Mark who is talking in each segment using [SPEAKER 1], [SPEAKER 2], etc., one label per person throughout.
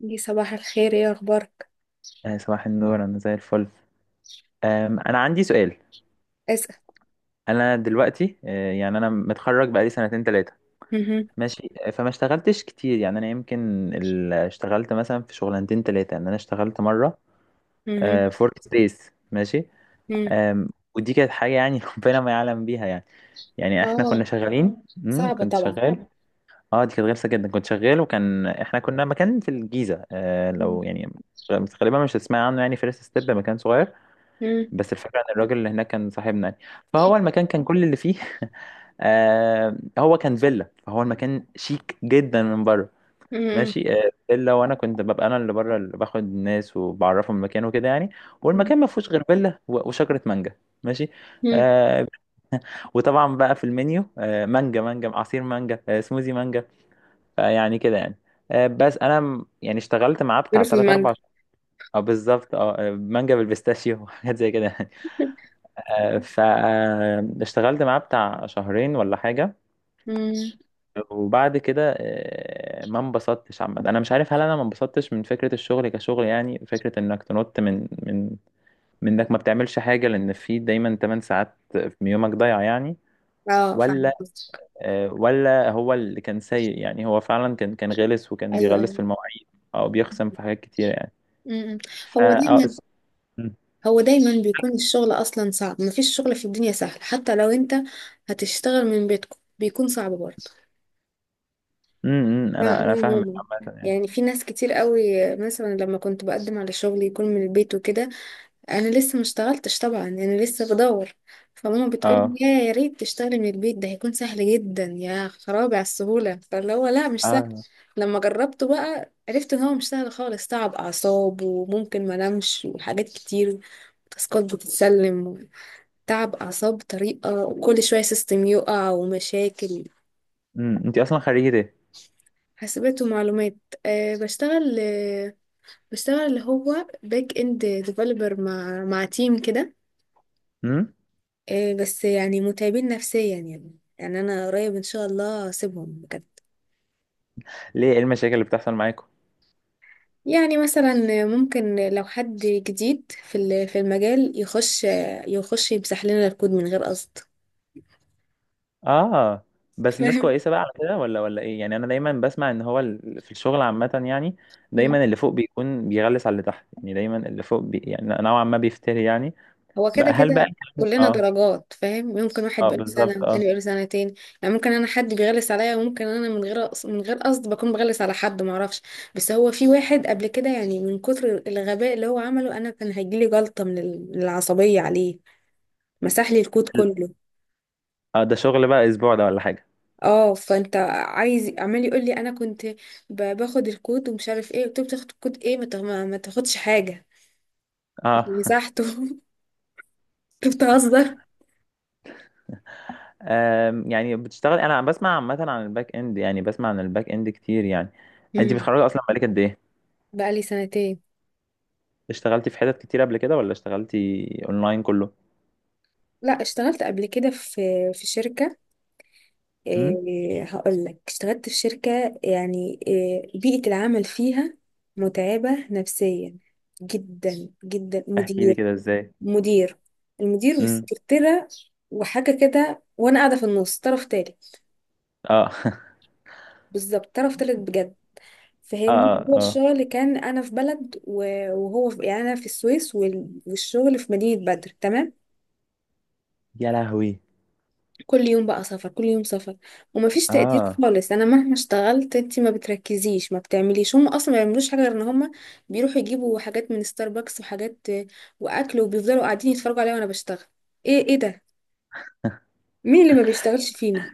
[SPEAKER 1] دي صباح الخير، ايه اخبارك؟
[SPEAKER 2] صباح النور، انا زي الفل. انا عندي سؤال.
[SPEAKER 1] اسأل.
[SPEAKER 2] انا دلوقتي يعني انا متخرج بقالي سنتين ثلاثه.
[SPEAKER 1] مهم.
[SPEAKER 2] ماشي، فما اشتغلتش كتير، يعني انا يمكن اشتغلت مثلا في شغلانتين ثلاثه. يعني انا اشتغلت مره
[SPEAKER 1] مهم.
[SPEAKER 2] في ورك سبيس. ماشي.
[SPEAKER 1] مم.
[SPEAKER 2] آم، ودي كانت حاجه يعني ربنا ما يعلم بيها، يعني يعني احنا كنا
[SPEAKER 1] اه،
[SPEAKER 2] شغالين،
[SPEAKER 1] صعبة
[SPEAKER 2] كنت
[SPEAKER 1] طبعا.
[SPEAKER 2] شغال. اه، دي كانت غلسه جدا. كنت شغال، احنا كنا مكان في الجيزه،
[SPEAKER 1] مم.
[SPEAKER 2] لو يعني غالبا مش هتسمعي عنه، يعني فيرست ستيب، مكان صغير.
[SPEAKER 1] مم.
[SPEAKER 2] بس الفكرة ان الراجل اللي هناك كان صاحبنا يعني، فهو المكان كان كل اللي فيه. هو كان فيلا، فهو المكان شيك جدا من بره.
[SPEAKER 1] مم.
[SPEAKER 2] ماشي. فيلا. وانا كنت ببقى انا اللي بره، اللي باخد الناس وبعرفهم المكان وكده يعني. والمكان ما فيهوش غير فيلا وشجرة مانجا. ماشي.
[SPEAKER 1] مم.
[SPEAKER 2] آه وطبعا بقى في المنيو، مانجا، مانجا، عصير مانجا، سموزي مانجا. فيعني كده، يعني. بس انا يعني اشتغلت معاه بتاع
[SPEAKER 1] غير في
[SPEAKER 2] 3 4.
[SPEAKER 1] المجد.
[SPEAKER 2] اه، بالظبط. اه، مانجا بالبيستاشيو وحاجات زي كده، يعني. فاشتغلت معاه بتاع شهرين ولا حاجة.
[SPEAKER 1] مم.
[SPEAKER 2] وبعد كده، ما انبسطتش عامة. انا مش عارف هل انا ما انبسطتش من فكرة الشغل كشغل، يعني فكرة انك تنط من من انك ما بتعملش حاجة، لان في دايما 8 ساعات من يومك ضايع، يعني.
[SPEAKER 1] اه،
[SPEAKER 2] ولا
[SPEAKER 1] فاهمة قصدك.
[SPEAKER 2] ولا هو اللي كان سيء. يعني هو فعلا كان غلس، وكان
[SPEAKER 1] ايوه
[SPEAKER 2] بيغلس في
[SPEAKER 1] ايوه.
[SPEAKER 2] المواعيد او بيخصم في حاجات كتيرة، يعني.
[SPEAKER 1] مم.
[SPEAKER 2] ف
[SPEAKER 1] هو
[SPEAKER 2] آه،
[SPEAKER 1] دايما
[SPEAKER 2] اس- م-
[SPEAKER 1] هو دايما بيكون الشغل اصلا صعب، مفيش شغل في الدنيا سهل، حتى لو انت هتشتغل من بيتكم بيكون صعب برضه.
[SPEAKER 2] م- م،
[SPEAKER 1] لا
[SPEAKER 2] انا
[SPEAKER 1] لا يا
[SPEAKER 2] فاهمك
[SPEAKER 1] ماما،
[SPEAKER 2] عامة، يعني.
[SPEAKER 1] يعني في ناس كتير قوي، مثلا لما كنت بقدم على شغل يكون من البيت وكده، انا لسه ما اشتغلتش طبعا، انا لسه بدور، فماما بتقول لي
[SPEAKER 2] اه،
[SPEAKER 1] يا ريت تشتغلي من البيت، ده هيكون سهل جدا. يا خرابي على السهوله، فاللي هو لا، مش سهل.
[SPEAKER 2] اه،
[SPEAKER 1] لما جربته بقى عرفت ان هو مش سهل خالص، تعب اعصاب وممكن ما انامش وحاجات كتير، تاسكات بتتسلم، تعب اعصاب بطريقه، كل شويه سيستم يقع ومشاكل.
[SPEAKER 2] انت اصلا خريجة؟
[SPEAKER 1] حاسبات ومعلومات. أه، بشتغل. بشتغل اللي هو باك اند ديفلوبر مع تيم كده.
[SPEAKER 2] ايه؟
[SPEAKER 1] إيه بس يعني متعبين نفسيا يعني انا قريب ان شاء الله هسيبهم بجد.
[SPEAKER 2] ليه؟ ايه المشاكل اللي بتحصل معاكم؟
[SPEAKER 1] يعني مثلا ممكن لو حد جديد في المجال يخش يمسح لنا الكود من غير قصد.
[SPEAKER 2] اه، بس الناس
[SPEAKER 1] فاهم.
[SPEAKER 2] كويسه بقى على كده ولا ايه؟ يعني انا دايما بسمع ان هو في الشغل عامه، يعني
[SPEAKER 1] مم.
[SPEAKER 2] دايما اللي فوق بيكون بيغلس على اللي تحت، يعني دايما اللي فوق يعني نوعا ما بيفتري، يعني.
[SPEAKER 1] هو كده
[SPEAKER 2] بقى، هل بقى
[SPEAKER 1] كده، كلنا
[SPEAKER 2] اه.
[SPEAKER 1] درجات فاهم، ممكن واحد
[SPEAKER 2] اه،
[SPEAKER 1] بقاله سنة
[SPEAKER 2] بالظبط،
[SPEAKER 1] والتاني
[SPEAKER 2] اه.
[SPEAKER 1] بقاله سنتين. يعني ممكن انا حد بيغلس عليا، وممكن انا من غير قصد بكون بغلس على حد معرفش. بس هو في واحد قبل كده، يعني من كتر الغباء اللي هو عمله، انا كان هيجيلي جلطة من العصبية عليه. مسح لي الكود كله.
[SPEAKER 2] اه، ده شغل بقى اسبوع ده ولا حاجه؟
[SPEAKER 1] اه، فانت عايز عمال يقول لي انا كنت باخد الكود ومش عارف ايه، قلت له بتاخد الكود ايه؟ ما تاخدش حاجه.
[SPEAKER 2] اه.
[SPEAKER 1] مسحته. انت بتهزر.
[SPEAKER 2] يعني بتشتغل. انا بسمع عامه عن الباك اند، يعني بسمع عن الباك اند كتير، يعني. انت
[SPEAKER 1] امم.
[SPEAKER 2] متخرجه اصلا بقالك قد ايه؟
[SPEAKER 1] بقى لي سنتين.
[SPEAKER 2] اشتغلتي في حتت كتير قبل كده ولا اشتغلتي اونلاين كله؟
[SPEAKER 1] لا، اشتغلت قبل كده في شركه.
[SPEAKER 2] امم.
[SPEAKER 1] إيه، هقول لك اشتغلت في شركه، يعني إيه بيئه العمل فيها. متعبه نفسيا جدا جدا.
[SPEAKER 2] احكي لي
[SPEAKER 1] مدير
[SPEAKER 2] كده، ازاي؟
[SPEAKER 1] مدير المدير
[SPEAKER 2] امم.
[SPEAKER 1] والسكرتيره وحاجه كده، وانا قاعده في النص، طرف تالت.
[SPEAKER 2] اه.
[SPEAKER 1] بالظبط، طرف تالت بجد.
[SPEAKER 2] اه،
[SPEAKER 1] فاهمني،
[SPEAKER 2] اه،
[SPEAKER 1] هو
[SPEAKER 2] اه.
[SPEAKER 1] الشغل كان انا في بلد وهو في، يعني انا في السويس والشغل في مدينة بدر، تمام.
[SPEAKER 2] يا لهوي!
[SPEAKER 1] كل يوم بقى سفر، كل يوم سفر. ومفيش تقدير
[SPEAKER 2] اه،
[SPEAKER 1] خالص، انا مهما اشتغلت، انت ما بتركزيش ما بتعمليش، هم اصلا ما بيعملوش حاجه غير ان هم بيروحوا يجيبوا حاجات من ستاربكس وحاجات واكل، وبيفضلوا قاعدين يتفرجوا عليا وانا بشتغل. ايه، ايه ده؟ مين اللي ما بيشتغلش فينا؟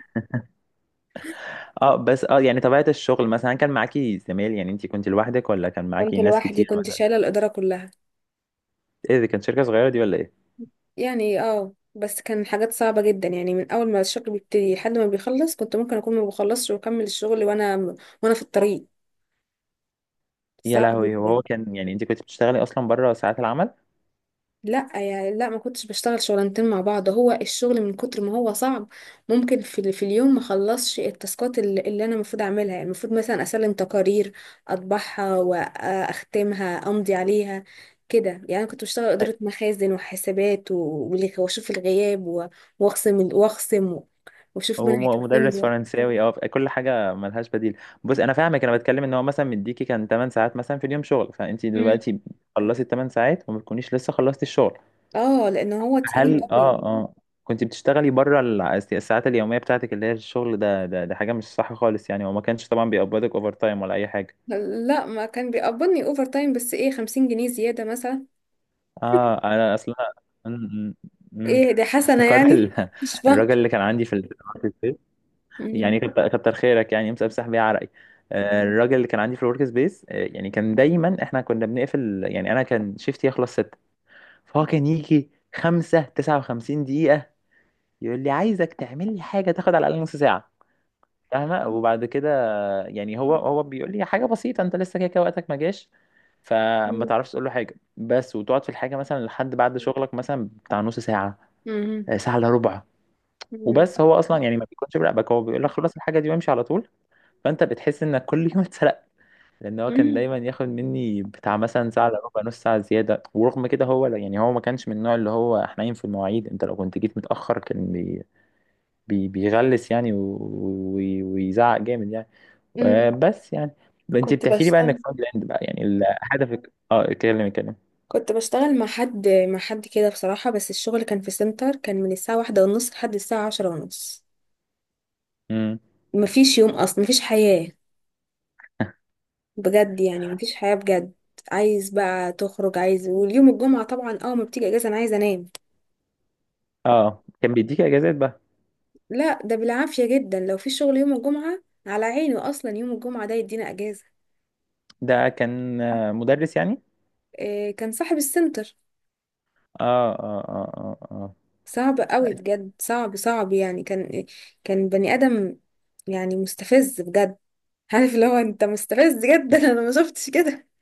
[SPEAKER 2] اه، بس اه، يعني طبيعة الشغل مثلا كان معاكي زميل؟ يعني انت كنت لوحدك ولا كان
[SPEAKER 1] كنت
[SPEAKER 2] معاكي ناس
[SPEAKER 1] لوحدي،
[SPEAKER 2] كتير
[SPEAKER 1] كنت
[SPEAKER 2] مثلا؟
[SPEAKER 1] شايله الاداره كلها.
[SPEAKER 2] ايه دي؟ كان شركة صغيرة دي ولا ايه؟
[SPEAKER 1] يعني بس كان حاجات صعبة جدا، يعني من أول ما الشغل بيبتدي لحد ما بيخلص كنت ممكن أكون ما بخلصش وأكمل الشغل، وأنا في الطريق.
[SPEAKER 2] يا
[SPEAKER 1] صعب
[SPEAKER 2] لهوي!
[SPEAKER 1] جدا.
[SPEAKER 2] وهو كان يعني انت كنت بتشتغلي اصلا بره ساعات العمل؟
[SPEAKER 1] لا يعني، لا ما كنتش بشتغل شغلانتين مع بعض، هو الشغل من كتر ما هو صعب، ممكن في اليوم ما اخلصش التاسكات اللي انا المفروض اعملها، يعني المفروض مثلا اسلم تقارير، اطبعها واختمها، امضي عليها، كده يعني. أنا كنت بشتغل
[SPEAKER 2] أي-
[SPEAKER 1] اداره مخازن وحسابات واشوف الغياب، و- واخصم ال- واخصم و- واشوف
[SPEAKER 2] هو
[SPEAKER 1] مين هيتخصم
[SPEAKER 2] مدرس
[SPEAKER 1] له.
[SPEAKER 2] فرنساوي. اه، كل حاجة ملهاش بديل. بص، انا فاهمك. انا بتكلم ان هو مثلا مديكي كان 8 ساعات مثلا في اليوم شغل، فانت
[SPEAKER 1] مم.
[SPEAKER 2] دلوقتي خلصتي 8 ساعات وما تكونيش لسه خلصتي الشغل.
[SPEAKER 1] اه، لان هو تقيل
[SPEAKER 2] هل
[SPEAKER 1] قوي.
[SPEAKER 2] اه، اه، كنت بتشتغلي بره الساعات اليومية بتاعتك، اللي هي الشغل ده حاجة مش صح خالص، يعني. وما كانش طبعا بيقبضك اوفر تايم ولا اي حاجة؟
[SPEAKER 1] لا، ما كان بيقبضني اوفر تايم، بس ايه، 50 جنيه زياده مثلا.
[SPEAKER 2] اه. انا اصلا م- م- م.
[SPEAKER 1] ايه، دي حسنة
[SPEAKER 2] افتكرت
[SPEAKER 1] يعني. مش فاهمة.
[SPEAKER 2] الراجل اللي كان عندي في في الورك سبيس. يعني
[SPEAKER 1] مم.
[SPEAKER 2] كتر كتر خيرك، يعني مسبسح بيه عرقي. الراجل اللي كان عندي في الورك سبيس، يعني كان دايما، احنا كنا بنقفل. يعني انا كان شيفتي يخلص 6، فهو كان يجي 5:59 يقول لي: عايزك تعمل لي حاجة تاخد على الأقل نص ساعة. فاهمة؟ وبعد كده يعني هو بيقول لي حاجه بسيطه، انت لسه كده كده وقتك ما جاش. فما
[SPEAKER 1] مم.
[SPEAKER 2] تعرفش تقول له حاجه، بس وتقعد في الحاجه مثلا لحد بعد شغلك مثلا بتاع نص ساعه،
[SPEAKER 1] مم.
[SPEAKER 2] ساعه الا ربع.
[SPEAKER 1] مم.
[SPEAKER 2] وبس هو اصلا، يعني ما بيكونش براقبك، هو بيقول لك خلص الحاجه دي وامشي على طول. فانت بتحس انك كل يوم اتسرقت، لان هو كان
[SPEAKER 1] مم.
[SPEAKER 2] دايما ياخد مني بتاع مثلا ساعه الا ربع، نص ساعه زياده. ورغم كده هو لا- يعني هو ما كانش من النوع اللي هو حنين في المواعيد، انت لو كنت جيت متاخر كان بيغلس، يعني ويزعق جامد، يعني.
[SPEAKER 1] مم.
[SPEAKER 2] بس يعني انت
[SPEAKER 1] كنت
[SPEAKER 2] بتحكي لي بقى
[SPEAKER 1] بشتغل
[SPEAKER 2] انك فرونت اند بقى، يعني هدفك. اه، اتكلم، اتكلم.
[SPEAKER 1] كنت بشتغل مع حد كده بصراحة، بس الشغل كان في سنتر، كان من الساعة 1:30 لحد الساعة 10:30.
[SPEAKER 2] امم.
[SPEAKER 1] مفيش يوم أصلا، مفيش حياة بجد، يعني مفيش حياة بجد. عايز بقى تخرج عايز، واليوم الجمعة طبعا اه ما بتيجي اجازة، انا عايزة انام.
[SPEAKER 2] اه، كان بيديك اجازات بقى؟
[SPEAKER 1] لا، ده بالعافية جدا، لو في شغل يوم الجمعة على عيني، اصلا يوم الجمعة ده يدينا اجازة.
[SPEAKER 2] ده كان مدرس يعني؟
[SPEAKER 1] إيه، كان صاحب السنتر.
[SPEAKER 2] اه، اه، اه، اه، اه.
[SPEAKER 1] صعب قوي بجد، صعب صعب يعني، كان بني ادم، يعني مستفز بجد. عارف اللي هو انت مستفز جدا، انا ما شفتش كده.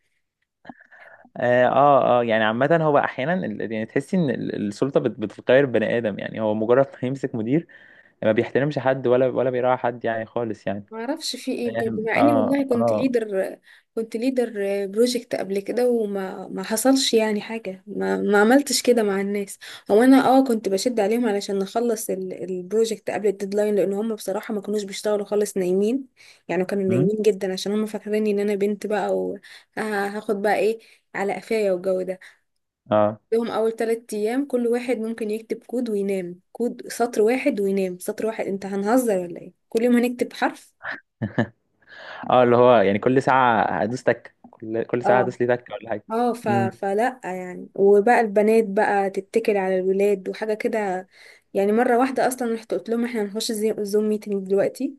[SPEAKER 2] اه، اه، يعني عامة هو احيانا، يعني تحسي ان السلطة بتغير بني ادم، يعني هو مجرد ما يمسك مدير ما بيحترمش حد ولا بيراعي حد يعني خالص، يعني.
[SPEAKER 1] ما اعرفش في ايه بجد، مع اني والله
[SPEAKER 2] اه، اه،
[SPEAKER 1] كنت ليدر بروجكت قبل كده، وما ما حصلش يعني حاجه، ما عملتش كده مع الناس. هو انا كنت بشد عليهم علشان نخلص البروجكت قبل الديدلاين، لان هم بصراحه ما كانوش بيشتغلوا خالص، نايمين، يعني كانوا
[SPEAKER 2] امم،
[SPEAKER 1] نايمين جدا عشان هم فاكريني ان انا بنت بقى، وهاخد بقى ايه، على قفايا والجو ده.
[SPEAKER 2] اه،
[SPEAKER 1] لهم اول 3 ايام كل واحد ممكن يكتب كود وينام، كود سطر واحد وينام سطر واحد. انت هنهزر ولا ايه؟ كل يوم هنكتب حرف.
[SPEAKER 2] اه، اللي هو يعني كل ساعة هدوس تك؟ كل ساعة
[SPEAKER 1] اه
[SPEAKER 2] هدوس لي تك ولا حاجة؟
[SPEAKER 1] اه، فلا يعني، وبقى البنات بقى تتكل على الولاد وحاجة كده. يعني مرة واحدة أصلا رحت قلت لهم احنا هنخش زوم ميتنج دلوقتي،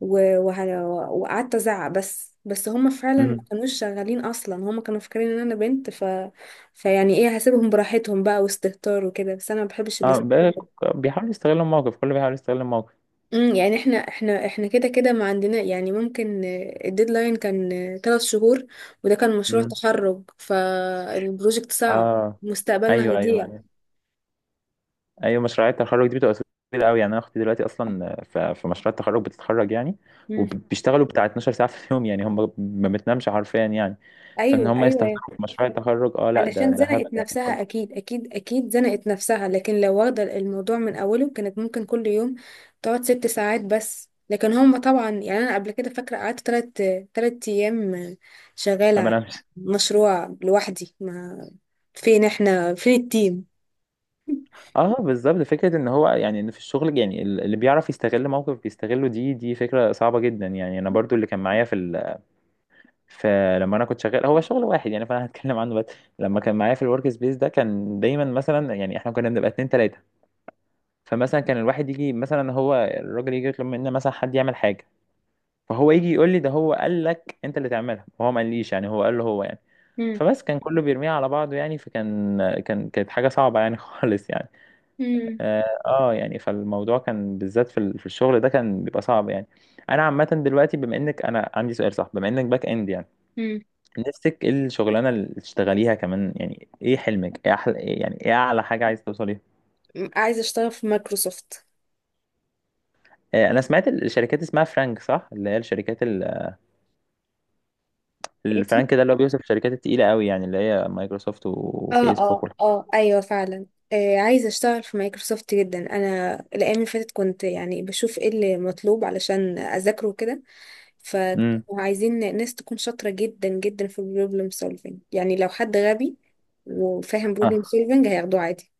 [SPEAKER 1] وقعدت أزعق، بس هم فعلا ما
[SPEAKER 2] امم.
[SPEAKER 1] كانوش شغالين أصلا، هم كانوا فاكرين إن أنا بنت. فيعني إيه، هسيبهم براحتهم بقى، واستهتار وكده، بس أنا ما بحبش
[SPEAKER 2] اه،
[SPEAKER 1] الاست...
[SPEAKER 2] طيب. بقى بيحاول يستغل الموقف، كله بيحاول يستغل الموقف.
[SPEAKER 1] مم، يعني احنا كده كده ما عندنا. يعني ممكن الديدلاين كان 3 شهور، وده كان مشروع
[SPEAKER 2] مم.
[SPEAKER 1] تخرج، فالبروجكت صعب.
[SPEAKER 2] اه،
[SPEAKER 1] مستقبلنا
[SPEAKER 2] ايوه، ايوه،
[SPEAKER 1] هيضيع.
[SPEAKER 2] ايوه. ايوه، مشروعات التخرج دي بتبقى كتير قوي، يعني انا اختي دلوقتي اصلا في مشروع التخرج بتتخرج، يعني
[SPEAKER 1] مم.
[SPEAKER 2] وبيشتغلوا بتاع 12 ساعه في اليوم، يعني هم ما بتنامش حرفيا، يعني. فان
[SPEAKER 1] ايوه
[SPEAKER 2] هم يستخدموا
[SPEAKER 1] ايوه.
[SPEAKER 2] في مشروع التخرج؟ اه لا، ده
[SPEAKER 1] علشان
[SPEAKER 2] ده هبل
[SPEAKER 1] زنقت
[SPEAKER 2] يعني
[SPEAKER 1] نفسها،
[SPEAKER 2] خالص.
[SPEAKER 1] اكيد اكيد اكيد زنقت نفسها، لكن لو واخده الموضوع من اوله كانت ممكن كل يوم تقعد 6 ساعات بس. لكن هم طبعا، يعني انا قبل كده فاكره قعدت 3 ايام شغاله
[SPEAKER 2] ما
[SPEAKER 1] على
[SPEAKER 2] بنامش.
[SPEAKER 1] مشروع لوحدي. ما فين احنا، فين التيم؟
[SPEAKER 2] اه، بالظبط. فكره ان هو يعني ان في الشغل، يعني اللي بيعرف يستغل موقف بيستغله، دي فكره صعبه جدا. يعني انا برضو اللي كان معايا في فلما انا كنت شغال هو شغل واحد، يعني فانا هتكلم عنه بس. لما كان معايا في الورك سبيس ده، كان دايما مثلا، يعني احنا كنا بنبقى اتنين تلاته. فمثلا كان الواحد يجي مثلا، هو الراجل يجي يطلب منا مثلا حد يعمل حاجه، فهو يجي يقول لي: ده هو قال لك انت اللي تعملها، وهو ما قاليش، يعني هو قال له هو يعني.
[SPEAKER 1] مم.
[SPEAKER 2] فبس كان كله بيرميها على بعضه، يعني فكان كان كانت حاجه صعبه، يعني خالص، يعني.
[SPEAKER 1] مم.
[SPEAKER 2] اه، يعني فالموضوع كان بالذات في في الشغل ده كان بيبقى صعب، يعني. انا عامه دلوقتي، بما انك، انا عندي سؤال صح، بما انك باك اند يعني،
[SPEAKER 1] مم.
[SPEAKER 2] نفسك ايه الشغلانه اللي تشتغليها كمان؟ يعني ايه حلمك؟ ايه احلى إيه يعني، ايه اعلى حاجه عايز توصليها؟
[SPEAKER 1] عايزه اشتغل في مايكروسوفت.
[SPEAKER 2] انا سمعت الشركات اسمها فرانك، صح، اللي هي الشركات الفرانك ده اللي هو بيوصف الشركات التقيله قوي، يعني اللي هي مايكروسوفت
[SPEAKER 1] اه
[SPEAKER 2] وفيسبوك
[SPEAKER 1] اه
[SPEAKER 2] والحاجات.
[SPEAKER 1] اه، ايوه فعلا. آه، عايزه اشتغل في مايكروسوفت جدا، انا الايام اللي فاتت كنت يعني بشوف ايه اللي مطلوب علشان اذاكره كده.
[SPEAKER 2] امم.
[SPEAKER 1] فعايزين ناس تكون شاطره جدا جدا في البروبلم سولفينج، يعني لو حد غبي وفاهم
[SPEAKER 2] اه،
[SPEAKER 1] بروبلم سولفينج هياخدوه عادي.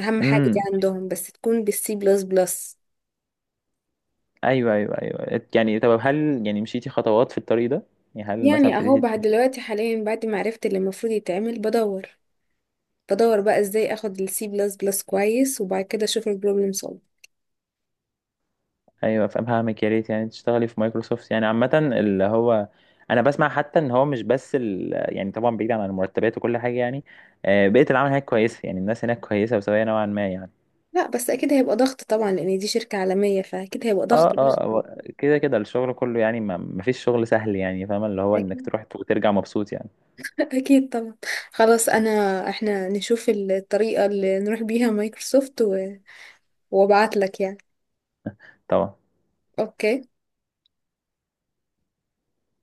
[SPEAKER 1] اهم حاجه دي
[SPEAKER 2] امم.
[SPEAKER 1] عندهم، بس تكون بالسي بلس بلس.
[SPEAKER 2] ايوه، ايوه، ايوه، يعني طب هل يعني مشيتي خطوات في الطريق ده؟ يعني هل مثلا
[SPEAKER 1] يعني اهو،
[SPEAKER 2] ابتديتي؟
[SPEAKER 1] بعد دلوقتي حاليا، بعد ما عرفت اللي المفروض يتعمل بدور، بقى ازاي اخد السي بلس بلس كويس، وبعد كده اشوف البروبلم.
[SPEAKER 2] ايوه، فاهمك. يا ريت يعني تشتغلي في مايكروسوفت، يعني عامه اللي هو انا بسمع حتى ان هو مش بس يعني طبعا بعيد عن المرتبات وكل حاجه، يعني بيئه العمل هناك كويسه، يعني الناس هناك كويسه وسويه نوعا ما، يعني.
[SPEAKER 1] لا، بس اكيد هيبقى ضغط طبعا، لان دي شركة عالمية، فاكيد هيبقى
[SPEAKER 2] اه،
[SPEAKER 1] ضغط ضغط.
[SPEAKER 2] اه، هو كده كده الشغل كله، يعني ما فيش شغل سهل، يعني فاهمه اللي هو انك
[SPEAKER 1] اكيد،
[SPEAKER 2] تروح وترجع مبسوط، يعني.
[SPEAKER 1] اكيد طبعا. خلاص انا، احنا نشوف الطريقة اللي نروح بيها مايكروسوفت، وابعت لك يعني.
[SPEAKER 2] طبعا.
[SPEAKER 1] اوكي